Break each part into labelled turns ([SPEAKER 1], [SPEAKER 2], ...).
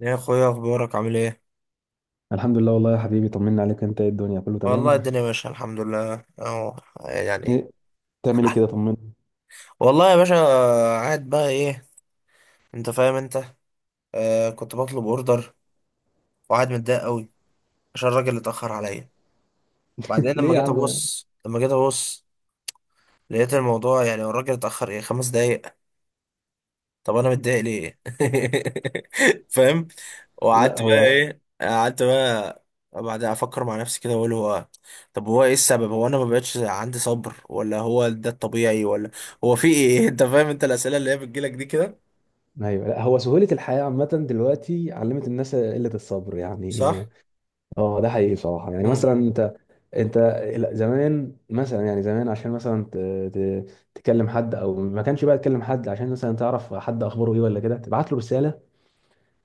[SPEAKER 1] يا اخويا، اخبارك عامل ايه؟
[SPEAKER 2] الحمد لله والله يا حبيبي، طمنا عليك. انت ايه الدنيا، كله
[SPEAKER 1] والله
[SPEAKER 2] تمام؟
[SPEAKER 1] الدنيا ماشيه، الحمد لله اهو، يعني.
[SPEAKER 2] ايه، بتعمل ايه كده؟ طمنا.
[SPEAKER 1] والله يا باشا، قاعد بقى ايه، انت فاهم انت. كنت بطلب اوردر وقاعد متضايق قوي عشان الراجل اتاخر عليا. بعدين
[SPEAKER 2] ليه
[SPEAKER 1] لما
[SPEAKER 2] يا
[SPEAKER 1] جيت
[SPEAKER 2] عم؟
[SPEAKER 1] ابص لما جيت ابص لقيت الموضوع، يعني الراجل اتاخر ايه، خمس دقايق. طب انا متضايق ليه؟ فاهم؟
[SPEAKER 2] لا
[SPEAKER 1] وقعدت بقى
[SPEAKER 2] هو.
[SPEAKER 1] ايه قعدت بقى بعدها افكر مع نفسي كده، واقول هو، طب هو ايه السبب، هو انا ما بقتش عندي صبر، ولا هو ده الطبيعي، ولا هو في ايه؟ انت فاهم انت، الاسئله اللي هي بتجيلك دي كده.
[SPEAKER 2] ايوه، لا هو سهولة الحياة عامة دلوقتي علمت الناس قلة الصبر يعني.
[SPEAKER 1] صح.
[SPEAKER 2] اه ده حقيقي بصراحة، يعني مثلا
[SPEAKER 1] امم
[SPEAKER 2] انت، انت لا، زمان مثلا، يعني زمان عشان مثلا ت... تكلم حد، او ما كانش بقى تكلم حد عشان مثلا تعرف حد اخباره ايه ولا كده، تبعت له رسالة،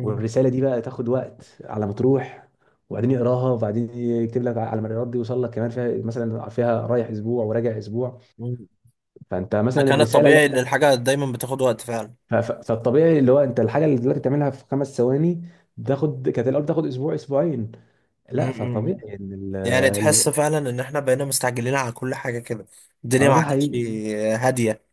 [SPEAKER 2] والرساله دي بقى تاخد وقت على ما تروح، وبعدين يقراها وبعدين يكتب لك على ما الرد يوصل لك كمان، فيها مثلا، فيها رايح اسبوع وراجع اسبوع. فانت مثلا
[SPEAKER 1] كان
[SPEAKER 2] الرساله اللي
[SPEAKER 1] الطبيعي ان
[SPEAKER 2] احنا،
[SPEAKER 1] الحاجه دايما بتاخد وقت فعلا.
[SPEAKER 2] فالطبيعي اللي هو انت الحاجه اللي دلوقتي بتعملها في 5 ثواني، تاخد كانت الاول تاخد اسبوع اسبوعين. لا
[SPEAKER 1] امم
[SPEAKER 2] فطبيعي ان
[SPEAKER 1] يعني تحس
[SPEAKER 2] ال-
[SPEAKER 1] فعلا ان احنا بقينا مستعجلين على كل حاجه كده، الدنيا
[SPEAKER 2] اه
[SPEAKER 1] ما
[SPEAKER 2] ده
[SPEAKER 1] عادتش
[SPEAKER 2] حقيقي.
[SPEAKER 1] هاديه.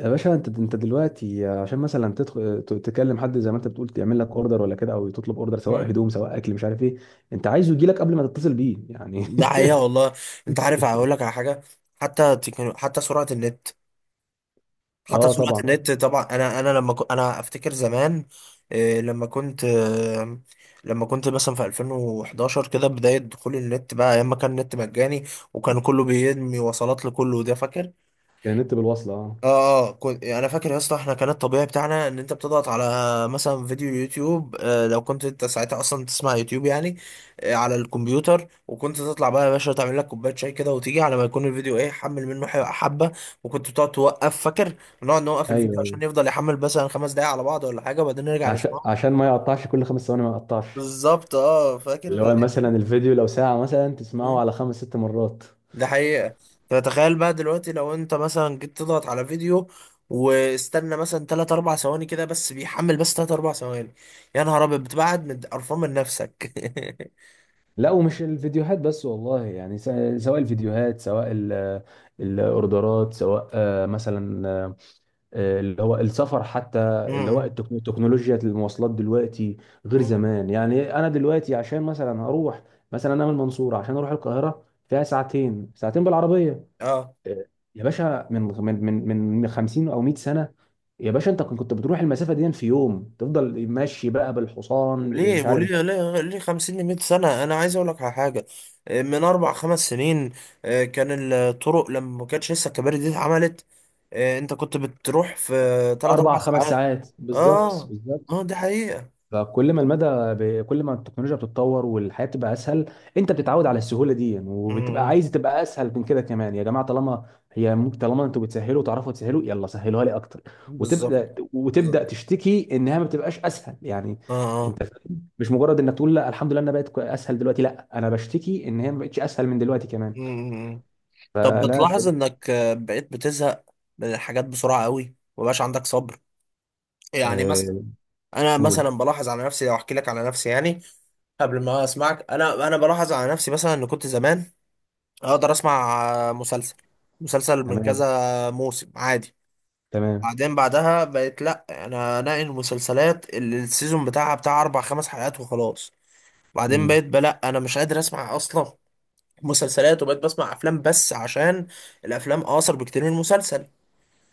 [SPEAKER 2] يا باشا انت، دلوقتي عشان مثلا تدخل تكلم حد زي ما انت بتقول يعمل لك اوردر ولا كده، او تطلب اوردر سواء هدوم سواء اكل مش عارف ايه، انت عايزه يجي لك قبل ما تتصل بيه يعني.
[SPEAKER 1] ده حقيقة والله. انت عارف، هقول لك على حاجة. حتى سرعة النت، حتى
[SPEAKER 2] اه
[SPEAKER 1] سرعة
[SPEAKER 2] طبعا.
[SPEAKER 1] النت طبعا. انا انا افتكر زمان، إيه، لما كنت مثلا في 2011 كده، بداية دخول النت بقى، ايام ما كان النت مجاني وكان كله بيرمي وصلات لكله، ده فاكر؟
[SPEAKER 2] كان النت بالوصلة اه.
[SPEAKER 1] اه اه، كنت انا فاكر يا اسطى، احنا كان الطبيعي بتاعنا ان انت بتضغط على مثلا فيديو يوتيوب، لو كنت انت ساعتها اصلا تسمع يوتيوب يعني، على الكمبيوتر، وكنت تطلع بقى يا باشا تعمل لك كوبايه شاي كده، وتيجي على ما يكون الفيديو ايه، حمل منه حبه. وكنت بتقعد توقف، فاكر؟ نقعد نوقف
[SPEAKER 2] ايوه
[SPEAKER 1] الفيديو
[SPEAKER 2] ايوه،
[SPEAKER 1] عشان يفضل يحمل مثلا خمس دقايق على بعض ولا حاجه، وبعدين نرجع
[SPEAKER 2] عشان
[SPEAKER 1] نسمعه.
[SPEAKER 2] عشان ما يقطعش كل 5 ثواني، ما يقطعش.
[SPEAKER 1] بالظبط، اه
[SPEAKER 2] اللي
[SPEAKER 1] فاكر.
[SPEAKER 2] هو مثلا الفيديو لو ساعة مثلا تسمعه على 5 6 مرات.
[SPEAKER 1] ده حقيقة. فتخيل بقى دلوقتي لو انت مثلا جيت تضغط على فيديو، واستنى مثلا 3 4 ثواني كده بس، بيحمل بس 3 4 ثواني، يا نهار ابيض بتبعد من قرفان من نفسك.
[SPEAKER 2] لا ومش الفيديوهات بس والله، يعني سواء الفيديوهات، سواء الاوردرات، سواء مثلا اللي هو السفر حتى،
[SPEAKER 1] م-
[SPEAKER 2] اللي هو
[SPEAKER 1] م-
[SPEAKER 2] تكنولوجيا المواصلات دلوقتي غير
[SPEAKER 1] م.
[SPEAKER 2] زمان. يعني انا دلوقتي عشان مثلا هروح مثلا، انا من المنصورة عشان اروح القاهرة فيها ساعتين ساعتين بالعربية.
[SPEAKER 1] اه.
[SPEAKER 2] يا باشا من 50 او 100 سنه. يا باشا انت كنت بتروح المسافه دي في يوم، تفضل ماشي بقى بالحصان
[SPEAKER 1] وليه
[SPEAKER 2] مش عارف.
[SPEAKER 1] وليه ليه ليه 50 ل 100 سنة؟ انا عايز اقول لك على حاجة، من اربع خمس سنين، كان الطرق لما ما كانتش لسه الكباري دي اتعملت، انت كنت بتروح في 3
[SPEAKER 2] اربع
[SPEAKER 1] 4
[SPEAKER 2] خمس
[SPEAKER 1] ساعات.
[SPEAKER 2] ساعات بالظبط
[SPEAKER 1] اه
[SPEAKER 2] بالظبط.
[SPEAKER 1] اه، دي حقيقة.
[SPEAKER 2] فكل ما المدى، كل ما التكنولوجيا بتتطور والحياه بتبقى اسهل، انت بتتعود على السهوله دي
[SPEAKER 1] م-
[SPEAKER 2] وبتبقى
[SPEAKER 1] م.
[SPEAKER 2] عايز تبقى اسهل من كده كمان. يا جماعه طالما هي ممكن، طالما انتوا بتسهلوا وتعرفوا تسهلوا يلا سهلوها لي اكتر،
[SPEAKER 1] بالظبط
[SPEAKER 2] وتبدا،
[SPEAKER 1] بالظبط.
[SPEAKER 2] وتبدا تشتكي انها ما بتبقاش اسهل يعني.
[SPEAKER 1] اه اه.
[SPEAKER 2] مش مجرد انك تقول لا الحمد لله انا بقت اسهل دلوقتي، لا انا بشتكي ان هي ما بقتش اسهل من دلوقتي كمان.
[SPEAKER 1] امم طب،
[SPEAKER 2] فلا،
[SPEAKER 1] بتلاحظ انك بقيت بتزهق من الحاجات بسرعة قوي، ومبقاش عندك صبر؟ يعني مثلا
[SPEAKER 2] آه،
[SPEAKER 1] انا
[SPEAKER 2] نقول.
[SPEAKER 1] مثلا بلاحظ على نفسي، لو احكي لك على نفسي يعني، قبل ما اسمعك، انا بلاحظ على نفسي مثلا، ان كنت زمان اقدر اسمع مسلسل، مسلسل من
[SPEAKER 2] تمام
[SPEAKER 1] كذا موسم عادي.
[SPEAKER 2] تمام.
[SPEAKER 1] بعدين بعدها بقيت لا، انا انقي المسلسلات اللي السيزون بتاعها بتاع اربع خمس حلقات وخلاص. بعدين
[SPEAKER 2] امم.
[SPEAKER 1] بقيت بلا، انا مش قادر اسمع اصلا مسلسلات، وبقيت بسمع افلام بس، عشان الافلام اقصر بكتير من المسلسل.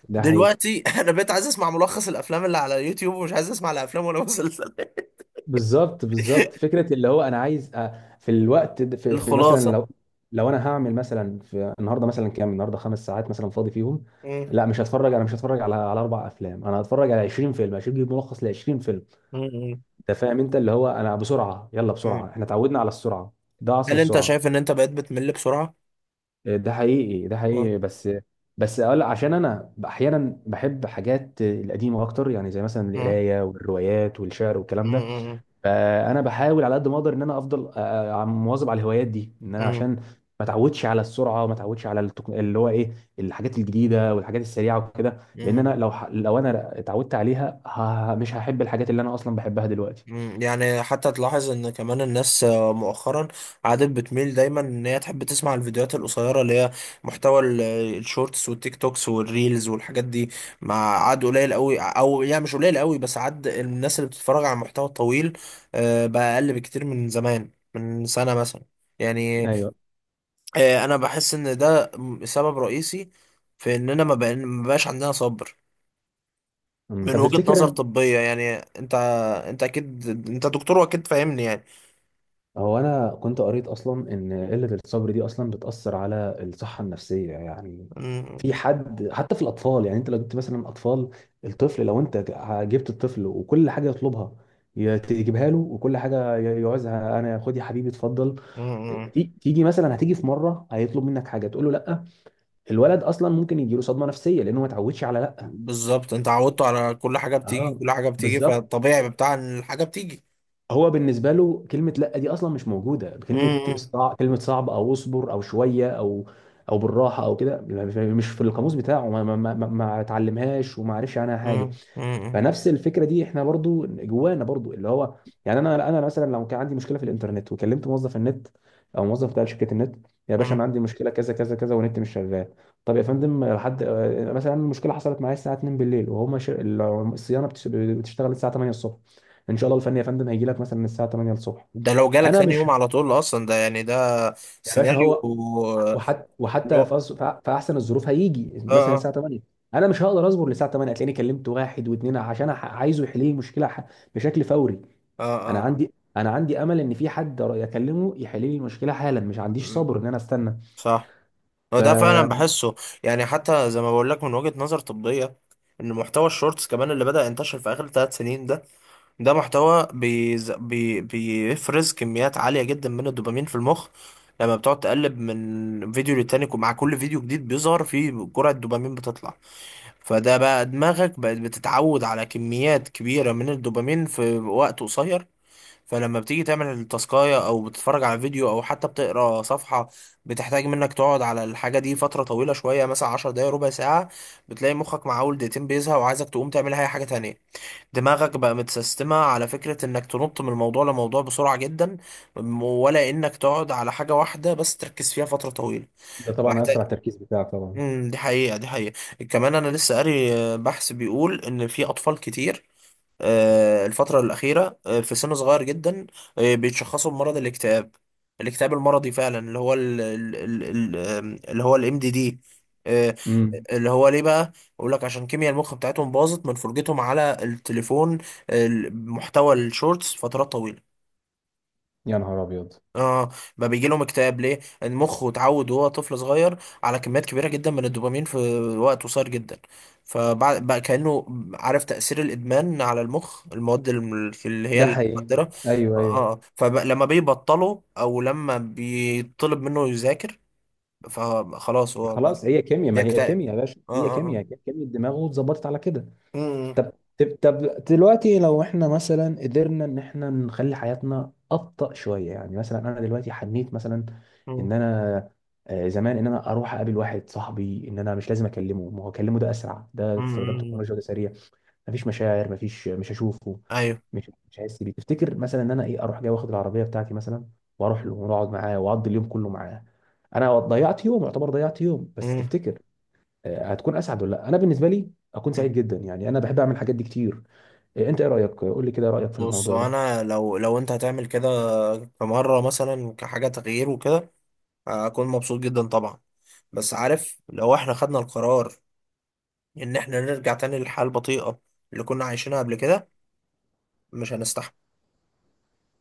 [SPEAKER 2] ده حقيقي.
[SPEAKER 1] دلوقتي انا بقيت عايز اسمع ملخص الافلام اللي على يوتيوب، ومش عايز اسمع لا افلام ولا مسلسلات.
[SPEAKER 2] بالظبط بالظبط، فكره اللي هو انا عايز في الوقت في مثلا،
[SPEAKER 1] الخلاصه.
[SPEAKER 2] لو لو انا هعمل مثلا في النهارده، مثلا كام النهارده 5 ساعات مثلا فاضي فيهم،
[SPEAKER 1] مم.
[SPEAKER 2] لا مش هتفرج، انا مش هتفرج على على اربع افلام، انا هتفرج على 20 فيلم، هجيب ملخص ل 20 فيلم.
[SPEAKER 1] مم.
[SPEAKER 2] انت فاهم انت، اللي هو انا بسرعه يلا
[SPEAKER 1] مم.
[SPEAKER 2] بسرعه، احنا اتعودنا على السرعه. ده عصر
[SPEAKER 1] هل انت
[SPEAKER 2] السرعه.
[SPEAKER 1] شايف ان انت بقيت بتمل بسرعه؟
[SPEAKER 2] ده حقيقي ده
[SPEAKER 1] مم.
[SPEAKER 2] حقيقي، بس اقول عشان انا احيانا بحب حاجات القديمه اكتر، يعني زي مثلا
[SPEAKER 1] مم.
[SPEAKER 2] القرايه والروايات والشعر والكلام ده.
[SPEAKER 1] مم.
[SPEAKER 2] فانا بحاول على قد ما اقدر ان انا افضل مواظب على الهوايات دي، ان انا
[SPEAKER 1] مم.
[SPEAKER 2] عشان ما اتعودش على السرعه وما اتعودش على اللي هو ايه، الحاجات الجديده والحاجات السريعه وكده، لان انا
[SPEAKER 1] مم.
[SPEAKER 2] لو لو انا اتعودت عليها مش هحب الحاجات اللي انا اصلا بحبها دلوقتي.
[SPEAKER 1] يعني حتى تلاحظ ان كمان الناس مؤخرا عادت بتميل دايما ان هي تحب تسمع الفيديوهات القصيره، اللي هي محتوى الشورتس والتيك توكس والريلز والحاجات دي. مع عاد قليل قوي، او يعني مش قليل قوي، بس عاد الناس اللي بتتفرج على المحتوى الطويل بقى اقل بكتير من زمان، من سنه مثلا، يعني.
[SPEAKER 2] ايوه.
[SPEAKER 1] انا بحس ان ده سبب رئيسي في اننا ما بقاش عندنا صبر.
[SPEAKER 2] أمم،
[SPEAKER 1] من
[SPEAKER 2] طب
[SPEAKER 1] وجهة نظر
[SPEAKER 2] تفتكر؟
[SPEAKER 1] طبية يعني، انت انت اكيد انت دكتور واكيد فاهمني يعني.
[SPEAKER 2] هو انا كنت قريت اصلا ان قله الصبر دي اصلا بتاثر على الصحه النفسيه يعني،
[SPEAKER 1] مم.
[SPEAKER 2] في حد حتى في الاطفال. يعني انت لو جبت مثلا اطفال، الطفل لو انت جبت الطفل وكل حاجه يطلبها تجيبها له، وكل حاجه يعوزها انا خد يا حبيبي اتفضل.
[SPEAKER 1] مم.
[SPEAKER 2] تيجي مثلا، هتيجي في مره هيطلب منك حاجه تقول له لا، الولد اصلا ممكن يجي له صدمه نفسيه لانه ما اتعودش على لا.
[SPEAKER 1] بالظبط، انت عودته على كل حاجه بتيجي،
[SPEAKER 2] اه
[SPEAKER 1] كل حاجه بتيجي،
[SPEAKER 2] بالظبط.
[SPEAKER 1] فالطبيعي بتاع ان الحاجه بتيجي.
[SPEAKER 2] هو بالنسبه له كلمه لا دي اصلا مش موجوده، كلمه
[SPEAKER 1] مم.
[SPEAKER 2] كلمه صعب او اصبر او شويه، او او بالراحه او كده، يعني مش في القاموس بتاعه، ما اتعلمهاش وما عرفش عنها حاجه.
[SPEAKER 1] مم. مم.
[SPEAKER 2] فنفس الفكره دي احنا برضو جوانا برضو اللي هو، يعني انا، مثلا لو كان عندي مشكله في الانترنت وكلمت موظف النت او موظف بتاع شركه النت، يا باشا انا
[SPEAKER 1] مم.
[SPEAKER 2] عندي مشكله كذا كذا كذا والنت مش شغال، طب يا فندم لحد مثلا المشكله حصلت معايا الساعه 2 بالليل، وهما الصيانه بتشتغل الساعه 8 الصبح، ان شاء الله الفني يا فندم هيجي لك مثلا الساعه 8 الصبح.
[SPEAKER 1] ده لو جالك
[SPEAKER 2] انا
[SPEAKER 1] تاني
[SPEAKER 2] مش،
[SPEAKER 1] يوم على طول اصلا، ده يعني ده
[SPEAKER 2] يا باشا
[SPEAKER 1] سيناريو.
[SPEAKER 2] هو، وحتى
[SPEAKER 1] اللي
[SPEAKER 2] وحتى في
[SPEAKER 1] هو-
[SPEAKER 2] في احسن الظروف هيجي
[SPEAKER 1] اه
[SPEAKER 2] مثلا
[SPEAKER 1] اه
[SPEAKER 2] الساعه 8، انا مش هقدر اصبر للساعه 8، هتلاقيني كلمت واحد واثنين عشان عايزه يحل لي المشكله بشكل فوري.
[SPEAKER 1] اه. اه.
[SPEAKER 2] انا عندي امل ان في حد اكلمه يحل لي المشكله حالا، مش عنديش
[SPEAKER 1] مم.
[SPEAKER 2] صبر ان انا استنى.
[SPEAKER 1] صح. هو ده فعلا
[SPEAKER 2] ف،
[SPEAKER 1] بحسه، يعني حتى زي ما بقول لك من وجهه نظر طبيه، ان محتوى الشورتس كمان اللي بدأ ينتشر في اخر ثلاث سنين ده، ده محتوى بيفرز كميات عالية جدا من الدوبامين في المخ. لما بتقعد تقلب من فيديو للتاني، ومع كل فيديو جديد بيظهر فيه جرعة دوبامين بتطلع. فده بقى دماغك بقت بتتعود على كميات كبيرة من الدوبامين في وقت قصير. فلما بتيجي تعمل التاسكاية، أو بتتفرج على فيديو، أو حتى بتقرا صفحة بتحتاج منك تقعد على الحاجة دي فترة طويلة شوية، مثلا عشر دقايق، ربع ساعة، بتلاقي مخك مع أول دقيقتين بيزهق، وعايزك تقوم تعمل أي حاجة تانية. دماغك بقى متسيستمة على فكرة انك تنط من موضوع لموضوع بسرعة جدا، ولا انك تقعد على حاجة واحدة بس تركز فيها فترة طويلة.
[SPEAKER 2] ده طبعا
[SPEAKER 1] محتاج.
[SPEAKER 2] هيأثر على التركيز بتاعك طبعا.
[SPEAKER 1] دي حقيقة دي حقيقة. كمان انا لسه قاري بحث بيقول ان في اطفال كتير الفترة الأخيرة، في سن صغير جدا، بيتشخصوا بمرض الاكتئاب. الاكتئاب المرضي فعلا، اللي هو ال- ال- ال- ال- آم، اللي هو الام دي دي،
[SPEAKER 2] امم.
[SPEAKER 1] اللي هو ليه بقى؟ يقول لك عشان كيمياء المخ بتاعتهم باظت من فرجتهم على التليفون، محتوى الشورتس فترات طويلة.
[SPEAKER 2] يا نهار ابيض.
[SPEAKER 1] اه. ما بيجي لهم اكتئاب ليه؟ المخ اتعود وهو طفل صغير على كميات كبيره جدا من الدوبامين في وقت قصير جدا. فبعد بقى كانه، عارف تاثير الادمان على المخ، المواد اللي هي
[SPEAKER 2] ده حقيقي.
[SPEAKER 1] المخدره.
[SPEAKER 2] ايوه ايوه.
[SPEAKER 1] اه، فلما بيبطلوا او لما بيطلب منه يذاكر، فخلاص هو بقى
[SPEAKER 2] خلاص هي كيمياء، ما هي
[SPEAKER 1] بيكتئب.
[SPEAKER 2] كيمياء يا باشا،
[SPEAKER 1] اه
[SPEAKER 2] هي
[SPEAKER 1] اه اه.
[SPEAKER 2] كيمياء كيمياء الدماغ واتظبطت على كده.
[SPEAKER 1] أمم،
[SPEAKER 2] طب، طب دلوقتي لو احنا مثلا قدرنا ان احنا نخلي حياتنا ابطأ شويه، يعني مثلا انا دلوقتي حنيت مثلا
[SPEAKER 1] أمم،
[SPEAKER 2] ان انا، زمان ان انا اروح اقابل واحد صاحبي ان انا مش لازم اكلمه، ما هو اكلمه ده اسرع ده استخدام
[SPEAKER 1] أمم،
[SPEAKER 2] تكنولوجيا وده سريع، مفيش مشاعر مفيش، مش هشوفه
[SPEAKER 1] ايوه.
[SPEAKER 2] مش هحس بيه. تفتكر مثلا ان انا ايه اروح جاي واخد العربيه بتاعتي مثلا، واروح له ونقعد معاه واقضي اليوم كله معاه، انا ضيعت يوم، يعتبر ضيعت يوم، بس
[SPEAKER 1] أمم،
[SPEAKER 2] تفتكر هتكون اسعد ولا لا؟ انا بالنسبه لي اكون
[SPEAKER 1] أمم.
[SPEAKER 2] سعيد جدا، يعني انا بحب اعمل الحاجات دي كتير. انت ايه رايك، قول لي كده رايك في
[SPEAKER 1] بص،
[SPEAKER 2] الموضوع ده.
[SPEAKER 1] انا لو لو انت هتعمل كده، كمره مثلا كحاجه تغيير وكده، هكون مبسوط جدا طبعا. بس عارف، لو احنا خدنا القرار ان احنا نرجع تاني للحياة البطيئة اللي كنا عايشينها قبل كده، مش هنستحمل.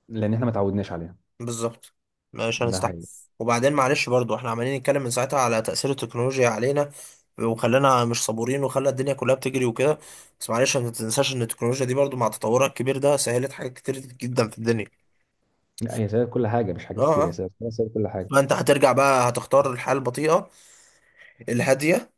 [SPEAKER 2] لان احنا ما تعودناش عليها.
[SPEAKER 1] بالظبط، مش
[SPEAKER 2] ده
[SPEAKER 1] هنستحمل.
[SPEAKER 2] حقيقي.
[SPEAKER 1] وبعدين معلش، برضو احنا عمالين نتكلم من ساعتها على تأثير التكنولوجيا علينا، وخلانا مش صبورين، وخلى الدنيا كلها بتجري وكده، بس معلش، ما تنساش ان التكنولوجيا دي برضو مع تطورها الكبير ده، سهلت حاجات كتير جدا في الدنيا.
[SPEAKER 2] لا، هي سبب كل حاجه مش حاجات
[SPEAKER 1] اه
[SPEAKER 2] كتير، يا
[SPEAKER 1] اه.
[SPEAKER 2] سبب هي سبب كل حاجه.
[SPEAKER 1] فانت هترجع بقى، هتختار الحياة البطيئة الهادية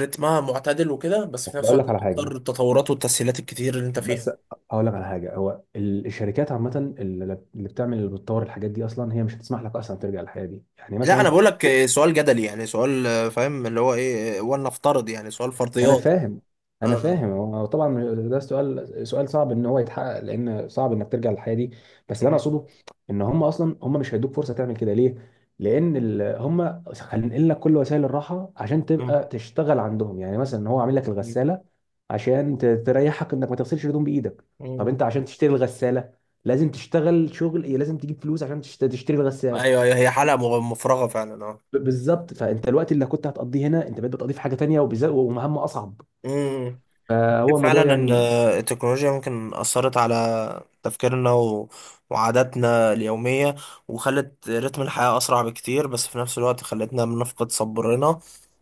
[SPEAKER 1] رتمها معتدل وكده، بس في
[SPEAKER 2] بس
[SPEAKER 1] نفس
[SPEAKER 2] اقول لك
[SPEAKER 1] الوقت
[SPEAKER 2] على حاجه،
[SPEAKER 1] بتضطر التطورات والتسهيلات الكتير اللي انت فيها؟
[SPEAKER 2] بس هقول لك على حاجه، هو الشركات عامه، اللي اللي بتعمل، اللي بتطور الحاجات دي اصلا، هي مش هتسمح لك اصلا ترجع للحياه دي، يعني
[SPEAKER 1] لا انا
[SPEAKER 2] مثلا.
[SPEAKER 1] بقول لك، سؤال جدلي، يعني سؤال، فاهم اللي هو ايه، ولنفترض، يعني سؤال
[SPEAKER 2] انا
[SPEAKER 1] فرضيات.
[SPEAKER 2] فاهم
[SPEAKER 1] آه،
[SPEAKER 2] انا
[SPEAKER 1] آه.
[SPEAKER 2] فاهم. هو طبعا ده سؤال، سؤال صعب ان هو يتحقق، لان صعب انك ترجع للحياه دي. بس اللي انا
[SPEAKER 1] مم.
[SPEAKER 2] اقصده ان هم اصلا هم مش هيدوك فرصه تعمل كده. ليه؟ لان هم خلينا لك كل وسائل الراحه عشان
[SPEAKER 1] مم.
[SPEAKER 2] تبقى تشتغل عندهم، يعني مثلا هو عامل لك الغساله عشان تريحك انك ما تغسلش الهدوم بايدك. طب انت
[SPEAKER 1] مم.
[SPEAKER 2] عشان تشتري الغساله لازم تشتغل شغل إيه؟ لازم تجيب فلوس عشان تشتري الغساله.
[SPEAKER 1] ايوه. أيوة، هي حلقة مفرغة فعلا، اه.
[SPEAKER 2] بالظبط، فانت الوقت اللي كنت هتقضيه هنا انت بقيت بتقضيه في حاجه تانيه وبالذات ومهمه اصعب،
[SPEAKER 1] مم.
[SPEAKER 2] فهو
[SPEAKER 1] فعلا،
[SPEAKER 2] الموضوع
[SPEAKER 1] ان
[SPEAKER 2] يعني.
[SPEAKER 1] التكنولوجيا ممكن اثرت على تفكيرنا، وعاداتنا اليوميه، وخلت رتم الحياه اسرع بكتير، بس في نفس الوقت خلتنا بنفقد صبرنا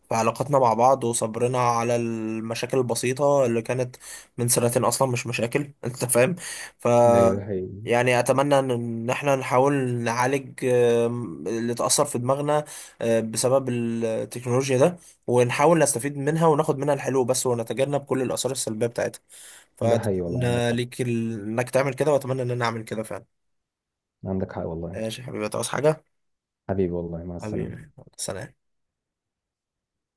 [SPEAKER 1] في علاقاتنا مع بعض، وصبرنا على المشاكل البسيطه اللي كانت من سنتين اصلا مش مشاكل. انت فاهم؟ ف،
[SPEAKER 2] ايوه ده حقيقي.
[SPEAKER 1] يعني اتمنى ان إن احنا نحاول نعالج اللي اتاثر في دماغنا بسبب التكنولوجيا ده، ونحاول نستفيد منها، وناخد منها الحلو بس، ونتجنب كل الآثار السلبية بتاعتها.
[SPEAKER 2] ده حقيقي والله. عندك
[SPEAKER 1] فأتمنى
[SPEAKER 2] حق،
[SPEAKER 1] ليك إنك تعمل كده، وأتمنى إن أنا أعمل كده فعلا.
[SPEAKER 2] عندك حق والله.
[SPEAKER 1] ماشي يا حبيبي، تعوز حاجة؟
[SPEAKER 2] حبيبي والله، مع
[SPEAKER 1] حبيبي،
[SPEAKER 2] السلامة.
[SPEAKER 1] سلام.